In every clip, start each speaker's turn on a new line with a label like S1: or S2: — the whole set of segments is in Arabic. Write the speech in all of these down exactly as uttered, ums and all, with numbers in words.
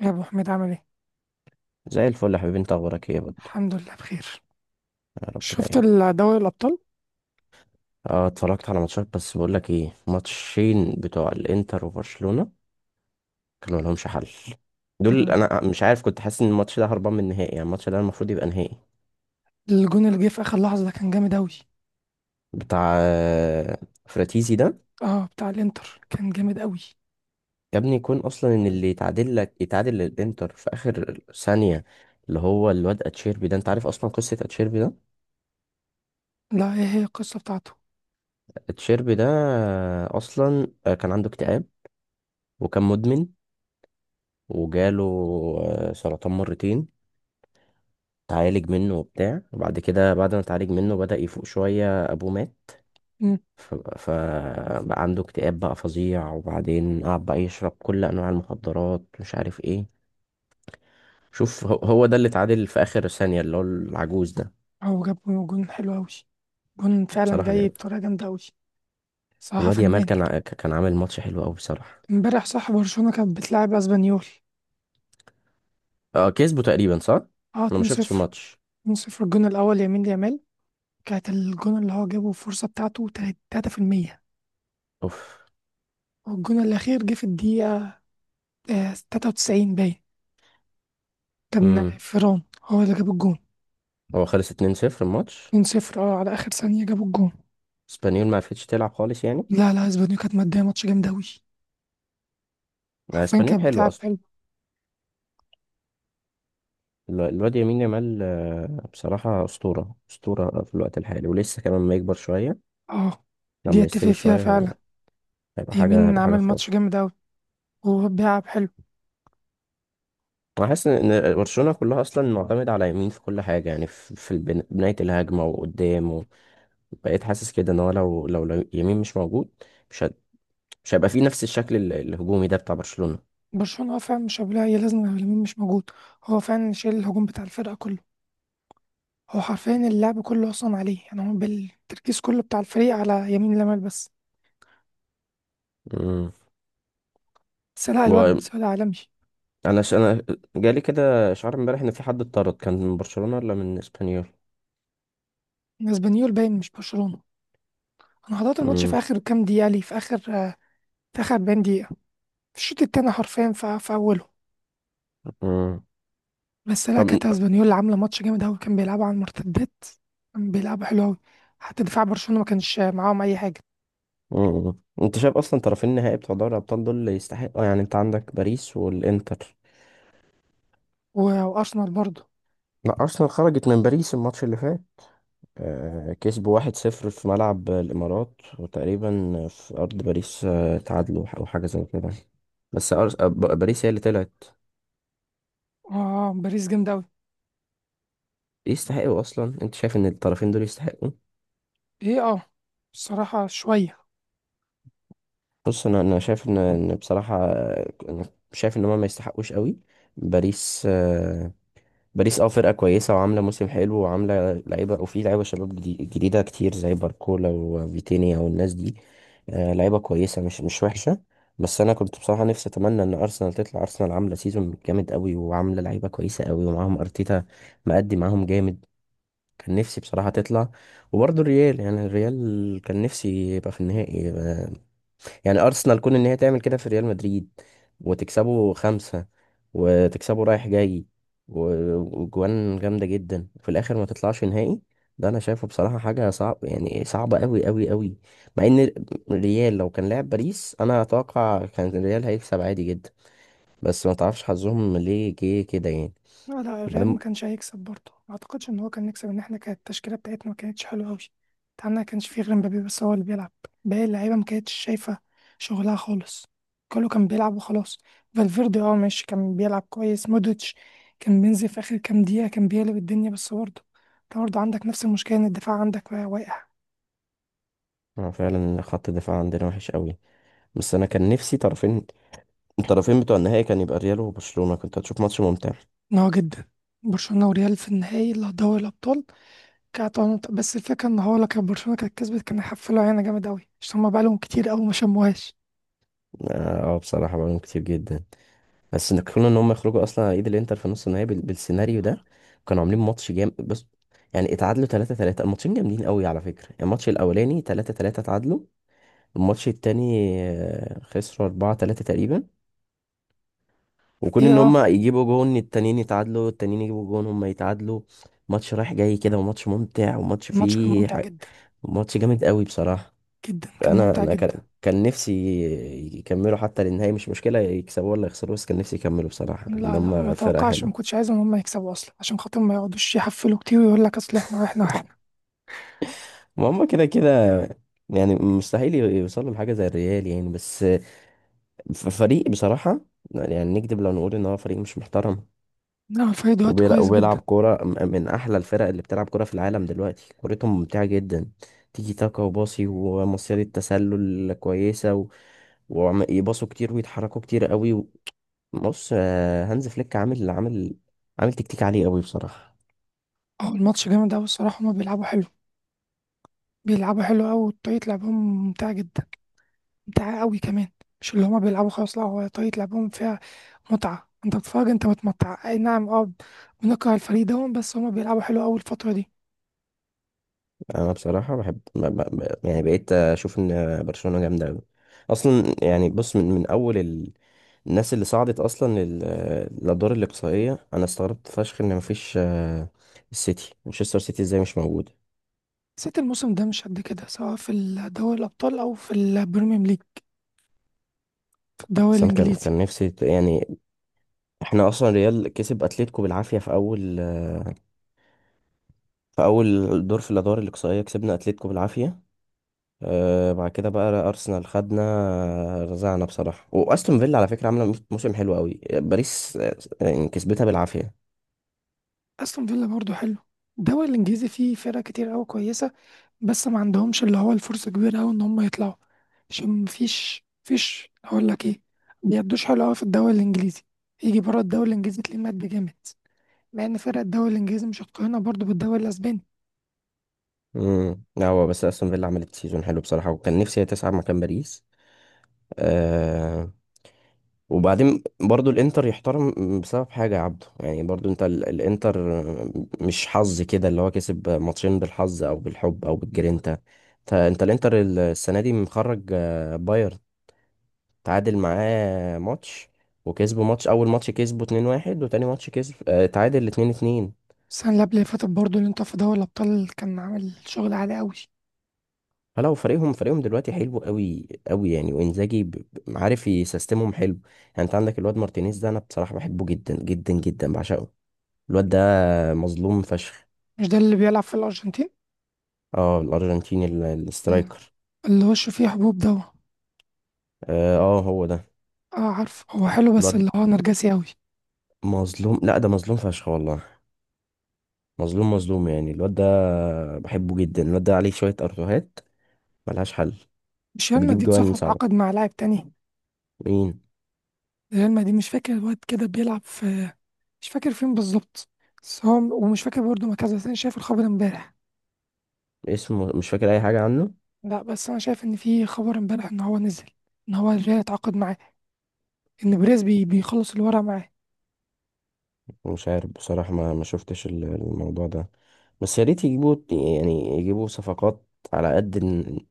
S1: يا ابو حميد، عامل ايه؟
S2: زي الفل يا حبيبي، انت اخبارك ايه يا بود؟
S1: الحمد لله بخير.
S2: يا رب
S1: شفت
S2: دايما.
S1: ال- دوري الابطال؟
S2: اه، اتفرجت على ماتشات، بس بقول لك ايه، ماتشين بتوع الانتر وبرشلونة كانوا لهمش حل. دول
S1: نعم.
S2: انا مش عارف، كنت حاسس ان الماتش ده هربان من النهائي، يعني الماتش ده المفروض يبقى نهائي.
S1: الجون اللي جه في اخر لحظه ده كان جامد اوي.
S2: بتاع آه، فراتيزي ده.
S1: اه، بتاع الانتر كان جامد اوي.
S2: يا ابني، يكون اصلا ان اللي يتعادل لك يتعادل للانتر في اخر ثانية، اللي هو الواد اتشيربي ده. انت عارف اصلا قصة اتشيربي ده؟
S1: لا، ايه هي القصه بتاعته؟
S2: اتشيربي ده آه، اصلا آه، كان عنده اكتئاب. وكان مدمن. وجاله آه، سرطان مرتين. اتعالج منه وبتاع، وبعد كده بعد ما اتعالج منه بدأ يفوق شوية، أبوه مات.
S1: امم.
S2: ف- فبقى عنده اكتئاب بقى فظيع، وبعدين قعد بقى يشرب كل أنواع المخدرات، مش عارف ايه. شوف، هو هو ده اللي اتعادل في آخر ثانية، اللي هو العجوز ده.
S1: هو جاب جون حلو اوي، جون فعلا
S2: بصراحة
S1: جاي
S2: جامد.
S1: بطريقه جامده اوي، صراحه
S2: والواد يامال
S1: فنان.
S2: كان ع- كان عامل ماتش حلو أوي بصراحة.
S1: امبارح صح؟ برشلونه كانت بتلعب اسبانيول.
S2: اه، كسبه تقريبا، صح؟
S1: اه،
S2: أنا ما شفتش
S1: اتنين صفر.
S2: الماتش.
S1: اتنين صفر، الجون الاول يمين يامال، كانت الجون اللي هو جابه الفرصه بتاعته تلاتة في المية.
S2: اوف.
S1: والجون الاخير جه في الدقيقه آه، تلاتة وتسعين باين. كان
S2: امم.
S1: فيران هو اللي جاب الجون.
S2: هو خلص اتنين صفر الماتش.
S1: اتنين صفر، اه، على اخر ثانية جابوا الجون.
S2: اسبانيول ما عرفتش تلعب خالص يعني.
S1: لا، لا، اسبانيول كانت مادية، ماتش جامد اوي،
S2: آه،
S1: حرفيا
S2: اسبانيول
S1: كانت
S2: حلو
S1: بتلعب
S2: أصلا.
S1: حلو.
S2: ال- الواد يمين يامال، آه، بصراحة أسطورة أسطورة في الوقت الحالي، ولسه كمان لما يكبر شوية.
S1: اه، دي
S2: لما
S1: اتفق
S2: يستوي
S1: فيها
S2: شوية هيبقى.
S1: فعلا.
S2: هيبقى حاجة،
S1: يمين
S2: هيبقى حاجة
S1: عمل ماتش
S2: خرافة.
S1: جامد اوي وهو بيلعب حلو.
S2: أنا حاسس إن برشلونة كلها أصلا معتمدة على يمين في كل حاجة، يعني في في البن- بناية الهجمة وقدام و- بقيت حاسس كده إن هو لو لو لو يمين مش موجود، مش هت- مش هيبقى فيه نفس الشكل ال- الهجومي ده بتاع برشلونة.
S1: برشلونة هو فعلا مش قابلها، هي لازم يمين مش موجود. هو فعلا شايل الهجوم بتاع الفرقة كله، هو حرفيا اللعب كله اصلا عليه، يعني هو بالتركيز كله بتاع الفريق على يمين لمال بس.
S2: امم.
S1: بس لا، الواد
S2: هو
S1: واد عالمي.
S2: أنا ش... أنا جالي كده شعار امبارح إن في حد اتطرد كان من برشلونة ولا من إسبانيول؟
S1: اسبانيول باين مش برشلونة. انا حضرت الماتش في
S2: امم.
S1: اخر كام دقيقة ليه، في اخر آه، في اخر اربعين دقيقة، الشوط التاني حرفيا في, في اوله.
S2: امم.
S1: بس لا، كانت
S2: طب.
S1: اسبانيولا عامله ماتش جامد قوي، كان بيلعبوا على المرتدات، كان بيلعبوا حلو قوي. حتى دفاع برشلونه ما كانش معاهم اي حاجه.
S2: مم. انت شايف اصلا طرفين النهائي بتوع دوري الابطال دول اللي يستحقوا؟ يعني انت عندك باريس والانتر.
S1: و- وارسنال برضه.
S2: لا، ارسنال خرجت من باريس الماتش اللي فات. آه، كسبوا واحد صفر في ملعب الامارات، وتقريبا في ارض باريس آه، تعادلوا او حاجه زي كده. بس أرس... آه، ب- باريس هي اللي طلعت.
S1: اه، باريس جامد قوي.
S2: يستحقوا اصلا؟ انت شايف ان الطرفين دول يستحقوا؟
S1: ايه، اه، الصراحه شويه.
S2: بص، انا انا شايف ان ان بصراحه، آه، انا شايف ان هما ما يستحقوش قوي. باريس. باريس اه، فرقة كويسة وعاملة موسم حلو وعاملة لعيبة، وفي لعيبة شباب جدي- جديدة كتير زي باركولا وفيتينيا والناس دي. آه لعيبة كويسة، مش مش وحشة. بس أنا كنت بصراحة نفسي أتمنى إن أرسنال تطلع. أرسنال عاملة سيزون جامد أوي، وعاملة لعيبة كويسة أوي ومعاهم أرتيتا. مأدي معاهم جامد. كان نفسي بصراحة تطلع. وبرضه الريال، يعني الريال كان نفسي يبقى في النهائي آه، يعني، ارسنال كون ان هي تعمل كده في ريال مدريد، وتكسبه خمسة، وتكسبه رايح جاي، و- وجوان جامدة جدا، وفي الاخر ما تطلعش نهائي. ده انا شايفه بصراحة حاجة صعب، يعني صعبة قوي قوي قوي. مع ان الريال لو كان لعب باريس، انا اتوقع كان الريال هيكسب عادي جدا. بس ما تعرفش حظهم ليه جه كده يعني.
S1: لا، لا، الريال
S2: بعدين.
S1: ما كانش هيكسب برضه، ما اعتقدش ان هو كان يكسب، ان احنا كانت التشكيله بتاعتنا ما كانتش حلوه قوي. بتاعنا ما كانش فيه غير مبابي بس هو اللي بيلعب، باقي اللعيبه ما كانتش شايفه شغلها خالص، كله كان بيلعب وخلاص. فالفيردي، اه، ماشي كان بيلعب كويس. مودريتش كان بينزل في اخر كام دقيقه كان بيقلب الدنيا، بس برضه انت برضه عندك نفس المشكله ان الدفاع عندك واقع.
S2: آه، فعلا خط الدفاع عندنا وحش قوي. بس انا كان نفسي طرفين، الطرفين بتوع النهائي كان يبقى ريال وبرشلونة، كنت هتشوف ماتش ممتع.
S1: ان هو جدا برشلونه وريال في النهائي اللي هو دوري الابطال. كانت بس الفكره ان هو لو كان برشلونه كانت كسبت كان هيحفلوا علينا جامد قوي عشان هما بقالهم كتير قوي ما شموهاش.
S2: اه، آه، بصراحة بقالهم كتير جدا. بس ان كون ان هم يخرجوا اصلا على ايد الانتر في نص النهائي بال- بالسيناريو ده، كانوا عاملين ماتش جامد بس. يعني اتعادلوا تلاتة تلاتة، الماتشين جامدين قوي على فكرة، يعني الماتش الاولاني تلاتة تلاتة اتعادلوا. الماتش التاني آه، خسروا أربعة تلاتة تقريبا. وكون
S1: ايه،
S2: ان هم
S1: اه،
S2: يجيبوا جون، التانيين يتعادلوا، التانيين يجيبوا جون، هم يتعادلوا. ماتش رايح جاي كده، وماتش ممتع، وماتش
S1: الماتش كان
S2: فيه
S1: ممتع
S2: ح...
S1: جدا،
S2: ماتش جامد قوي بصراحة.
S1: جدا كان
S2: انا
S1: ممتع
S2: انا
S1: جدا.
S2: كان كان نفسي يكملوا حتى للنهاية، مش مشكلة يكسبوا ولا يخسروا، بس كان نفسي يكملوا بصراحة، ان
S1: لا، لا، ما
S2: هم فرقة
S1: توقعش ما
S2: حلوة.
S1: كنتش عايز ان هم يكسبوا اصلا عشان خاطر ما يقعدوش يحفلوا كتير ويقول لك اصل احنا واحنا واحنا.
S2: ما هم كده كده، يعني مستحيل يوصلوا لحاجة زي الريال يعني، بس ف- فريق بصراحة، يعني نكذب لو نقول ان هو فريق مش محترم.
S1: لا، الفريق دلوقتي
S2: وبيلع-
S1: كويس جدا.
S2: وبيلعب كورة م- من احلى الفرق اللي بتلعب كورة في العالم دلوقتي، كورتهم ممتعة جدا. تيجي تاكا وباصي ومصيدة تسلل كويسة و- ويباصوا كتير، ويتحركوا كتير قوي. بص، آه، هانز فليك عامل عامل عامل تكتيك عالي قوي بصراحة.
S1: اه، الماتش جامد قوي الصراحه، هما بيلعبوا حلو، بيلعبوا حلو قوي، وطريقه لعبهم ممتعه جدا، ممتعه قوي كمان. مش اللي هما بيلعبوا خلاص، لا، هو طريقه لعبهم فيها متعه، انت بتتفرج انت متمتع، اي نعم، اه. بنكره الفريق ده بس هما بيلعبوا حلو قوي الفتره دي.
S2: انا بصراحة بحب ب- ب- ب- يعني بقيت اشوف ان برشلونة جامدة قوي اصلا، يعني بص، من من اول ال- الناس اللي صعدت اصلا لل- للادوار الاقصائية، انا استغربت فشخ ان مفيش آه، السيتي، مانشستر سيتي، ازاي مش موجود؟
S1: حسيت الموسم ده مش قد كده سواء في دوري الابطال او في البريمير ليج، دوري
S2: بس انا كان
S1: الانجليزي.
S2: كان نفسي ت- يعني، احنا اصلا ريال كسب اتلتيكو بالعافية في اول آه، في اول دور في الادوار الاقصائية، كسبنا اتلتيكو بالعافية. آه بعد كده بقى، ارسنال خدنا، آه، رزعنا بصراحه، واستون فيلا على فكره عامله مو- موسم حلو قوي، باريس آه، يعني كسبتها بالعافيه.
S1: استون فيلا برضه حلو. الدوري الانجليزي فيه فرق كتير قوي كويسه، بس ما عندهمش اللي هو الفرصه كبيره قوي ان هم يطلعوا، عشان مفيش فيش اقول لك ايه، بيدوش حلو قوي في الدوري الانجليزي، يجي بره الدوري الانجليزي تلاقيه مات بجامد. مع ان فرق الدوري الانجليزي مش هتقارنها برضه بالدوري الاسباني.
S2: امم. لا، هو بس استون فيلا عملت سيزون حلو بصراحه، وكان نفسي هي تصعد مكان باريس. آه وبعدين برضو الانتر يحترم، بسبب حاجه يا عبده، يعني برضو انت ال- الانتر، مش حظ كده، اللي هو كسب ماتشين بالحظ او بالحب او بالجرينتا. انت انت الانتر السنه دي مخرج آه، بايرن، تعادل معاه ماتش، وكسبوا ماتش، اول ماتش كسبوا اتنين واحد، وتاني ماتش كسب، آه، تعادل اتنين اتنين.
S1: السنه اللي قبل اللي فاتت برضه اللي انت في دوري الابطال كان عامل شغل عالي قوي.
S2: فلو، فريقهم فريقهم دلوقتي حلو قوي قوي يعني، وانزاجي، ب- ب- عارف يسيستمهم حلو. يعني انت عندك الواد مارتينيز ده، انا بصراحة بحبه جدا جدا جدا بعشقه. الواد ده مظلوم فشخ.
S1: مش ده اللي بيلعب في الارجنتين؟
S2: اه، الارجنتيني ال- الاسترايكر.
S1: اللي وشه فيه حبوب ده؟
S2: اه، آه، هو ده
S1: اه، عارف هو حلو بس
S2: الواد.
S1: اللي هو نرجسي قوي.
S2: مظلوم. لا، ده مظلوم فشخ والله، مظلوم مظلوم يعني الواد ده، بحبه جدا. الواد ده عليه شوية ارتوهات، ملهاش حل.
S1: مش ريال
S2: وبيجيب
S1: مدريد
S2: جوان
S1: صاحب
S2: صعبة.
S1: عقد مع لاعب تاني؟
S2: مين؟
S1: ريال مدريد، مش فاكر الواد كده بيلعب في، مش فاكر فين بالظبط، بس هو ومش فاكر برضه مركز، بس انا شايف الخبر امبارح.
S2: اسمه مش فاكر اي حاجه عنه.
S1: لا بس انا شايف ان في خبر امبارح ان هو نزل، ان هو الريال اتعاقد معاه، ان بريز بي بيخلص الورق معاه.
S2: مش عارف بصراحه، ما ما شفتش ال- الموضوع ده. بس يا ريت يجيبوا، يعني يجيبوا صفقات على قد ال-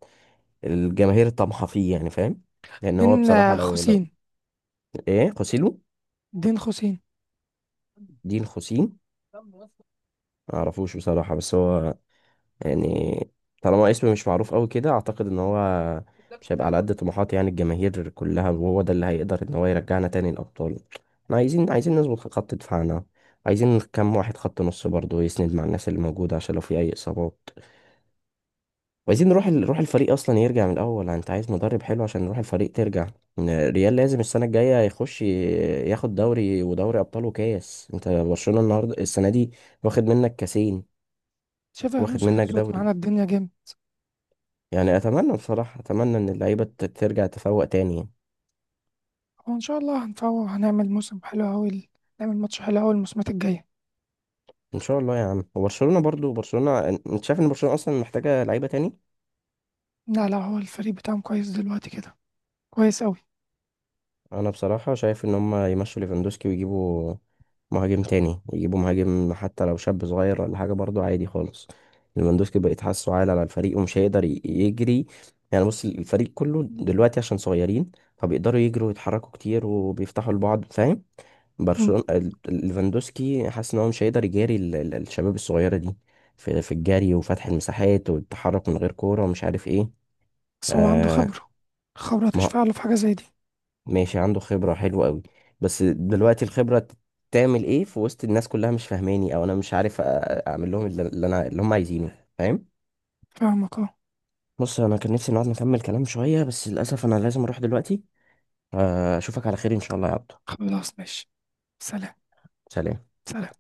S2: الجماهير طمحة فيه، يعني فاهم. لان هو
S1: دين
S2: بصراحه، لو
S1: خوسين.
S2: لو ايه، خوسيلو.
S1: دين خوسين.
S2: دين خوسين؟ ما اعرفوش بصراحه، بس هو يعني، طالما اسم مش معروف قوي كده، اعتقد ان هو مش هيبقى على قد طموحات يعني الجماهير كلها، وهو ده اللي هيقدر ان هو يرجعنا تاني الابطال. احنا عايزين عايزين نظبط خط دفاعنا، عايزين كام واحد خط نص برضه يسند مع الناس اللي موجوده، عشان لو في اي اصابات. وعايزين نروح روح الفريق اصلا يرجع من الاول، انت عايز مدرب حلو عشان نروح الفريق ترجع. ريال لازم السنه الجايه يخش ياخد دوري ودوري ابطال وكاس، انت برشلونه النهارده السنه دي واخد منك كاسين،
S1: شايف
S2: واخد
S1: الونسو
S2: منك
S1: هيظبط
S2: دوري.
S1: معانا الدنيا جامد.
S2: يعني اتمنى بصراحه، اتمنى ان اللعيبه ت- ترجع تفوق تاني يعني.
S1: وان شاء الله هنفوق وهنعمل موسم حلو اوي، نعمل ماتش حلو اوي الموسمات الجايه.
S2: ان شاء الله يا عم. وبرشلونه برضو، برشلونه انت شايف ان برشلونه اصلا محتاجه لعيبه تاني؟
S1: لا، لا، هو الفريق بتاعهم كويس دلوقتي كده، كويس اوي.
S2: انا بصراحه شايف ان هم يمشوا ليفاندوسكي ويجيبوا مهاجم تاني، يجيبوا مهاجم حتى لو شاب صغير ولا حاجه برضو عادي خالص. ليفاندوسكي بقيت حاسه عال على الفريق، ومش هيقدر ي- يجري. يعني بص، الفريق كله دلوقتي عشان صغيرين، فبيقدروا يجروا ويتحركوا كتير وبيفتحوا لبعض، فاهم.
S1: مم.
S2: برشلونة، ال- ليفاندوسكي حاسس ان هو مش هيقدر يجاري ال- ال- الشباب الصغيرة دي، في في الجري وفتح المساحات والتحرك من غير كورة، ومش عارف ايه.
S1: بس هو عنده
S2: آه
S1: خبره، الخبره
S2: ما
S1: تشفع له في حاجه زي دي.
S2: ماشي، عنده خبرة حلوة قوي. بس دلوقتي الخبرة ت- تعمل ايه في وسط الناس كلها، مش فاهماني او انا مش عارف أ- اعمل لهم اللي اللي انا اللي هم عايزينه، فاهم.
S1: فاهمك اه.
S2: بص، انا كان نفسي نقعد نكمل كلام شوية، بس للاسف انا لازم اروح دلوقتي. آه اشوفك على خير ان شاء الله يا عبدو.
S1: خلاص، ماشي. سلام.
S2: سلام.
S1: سلام.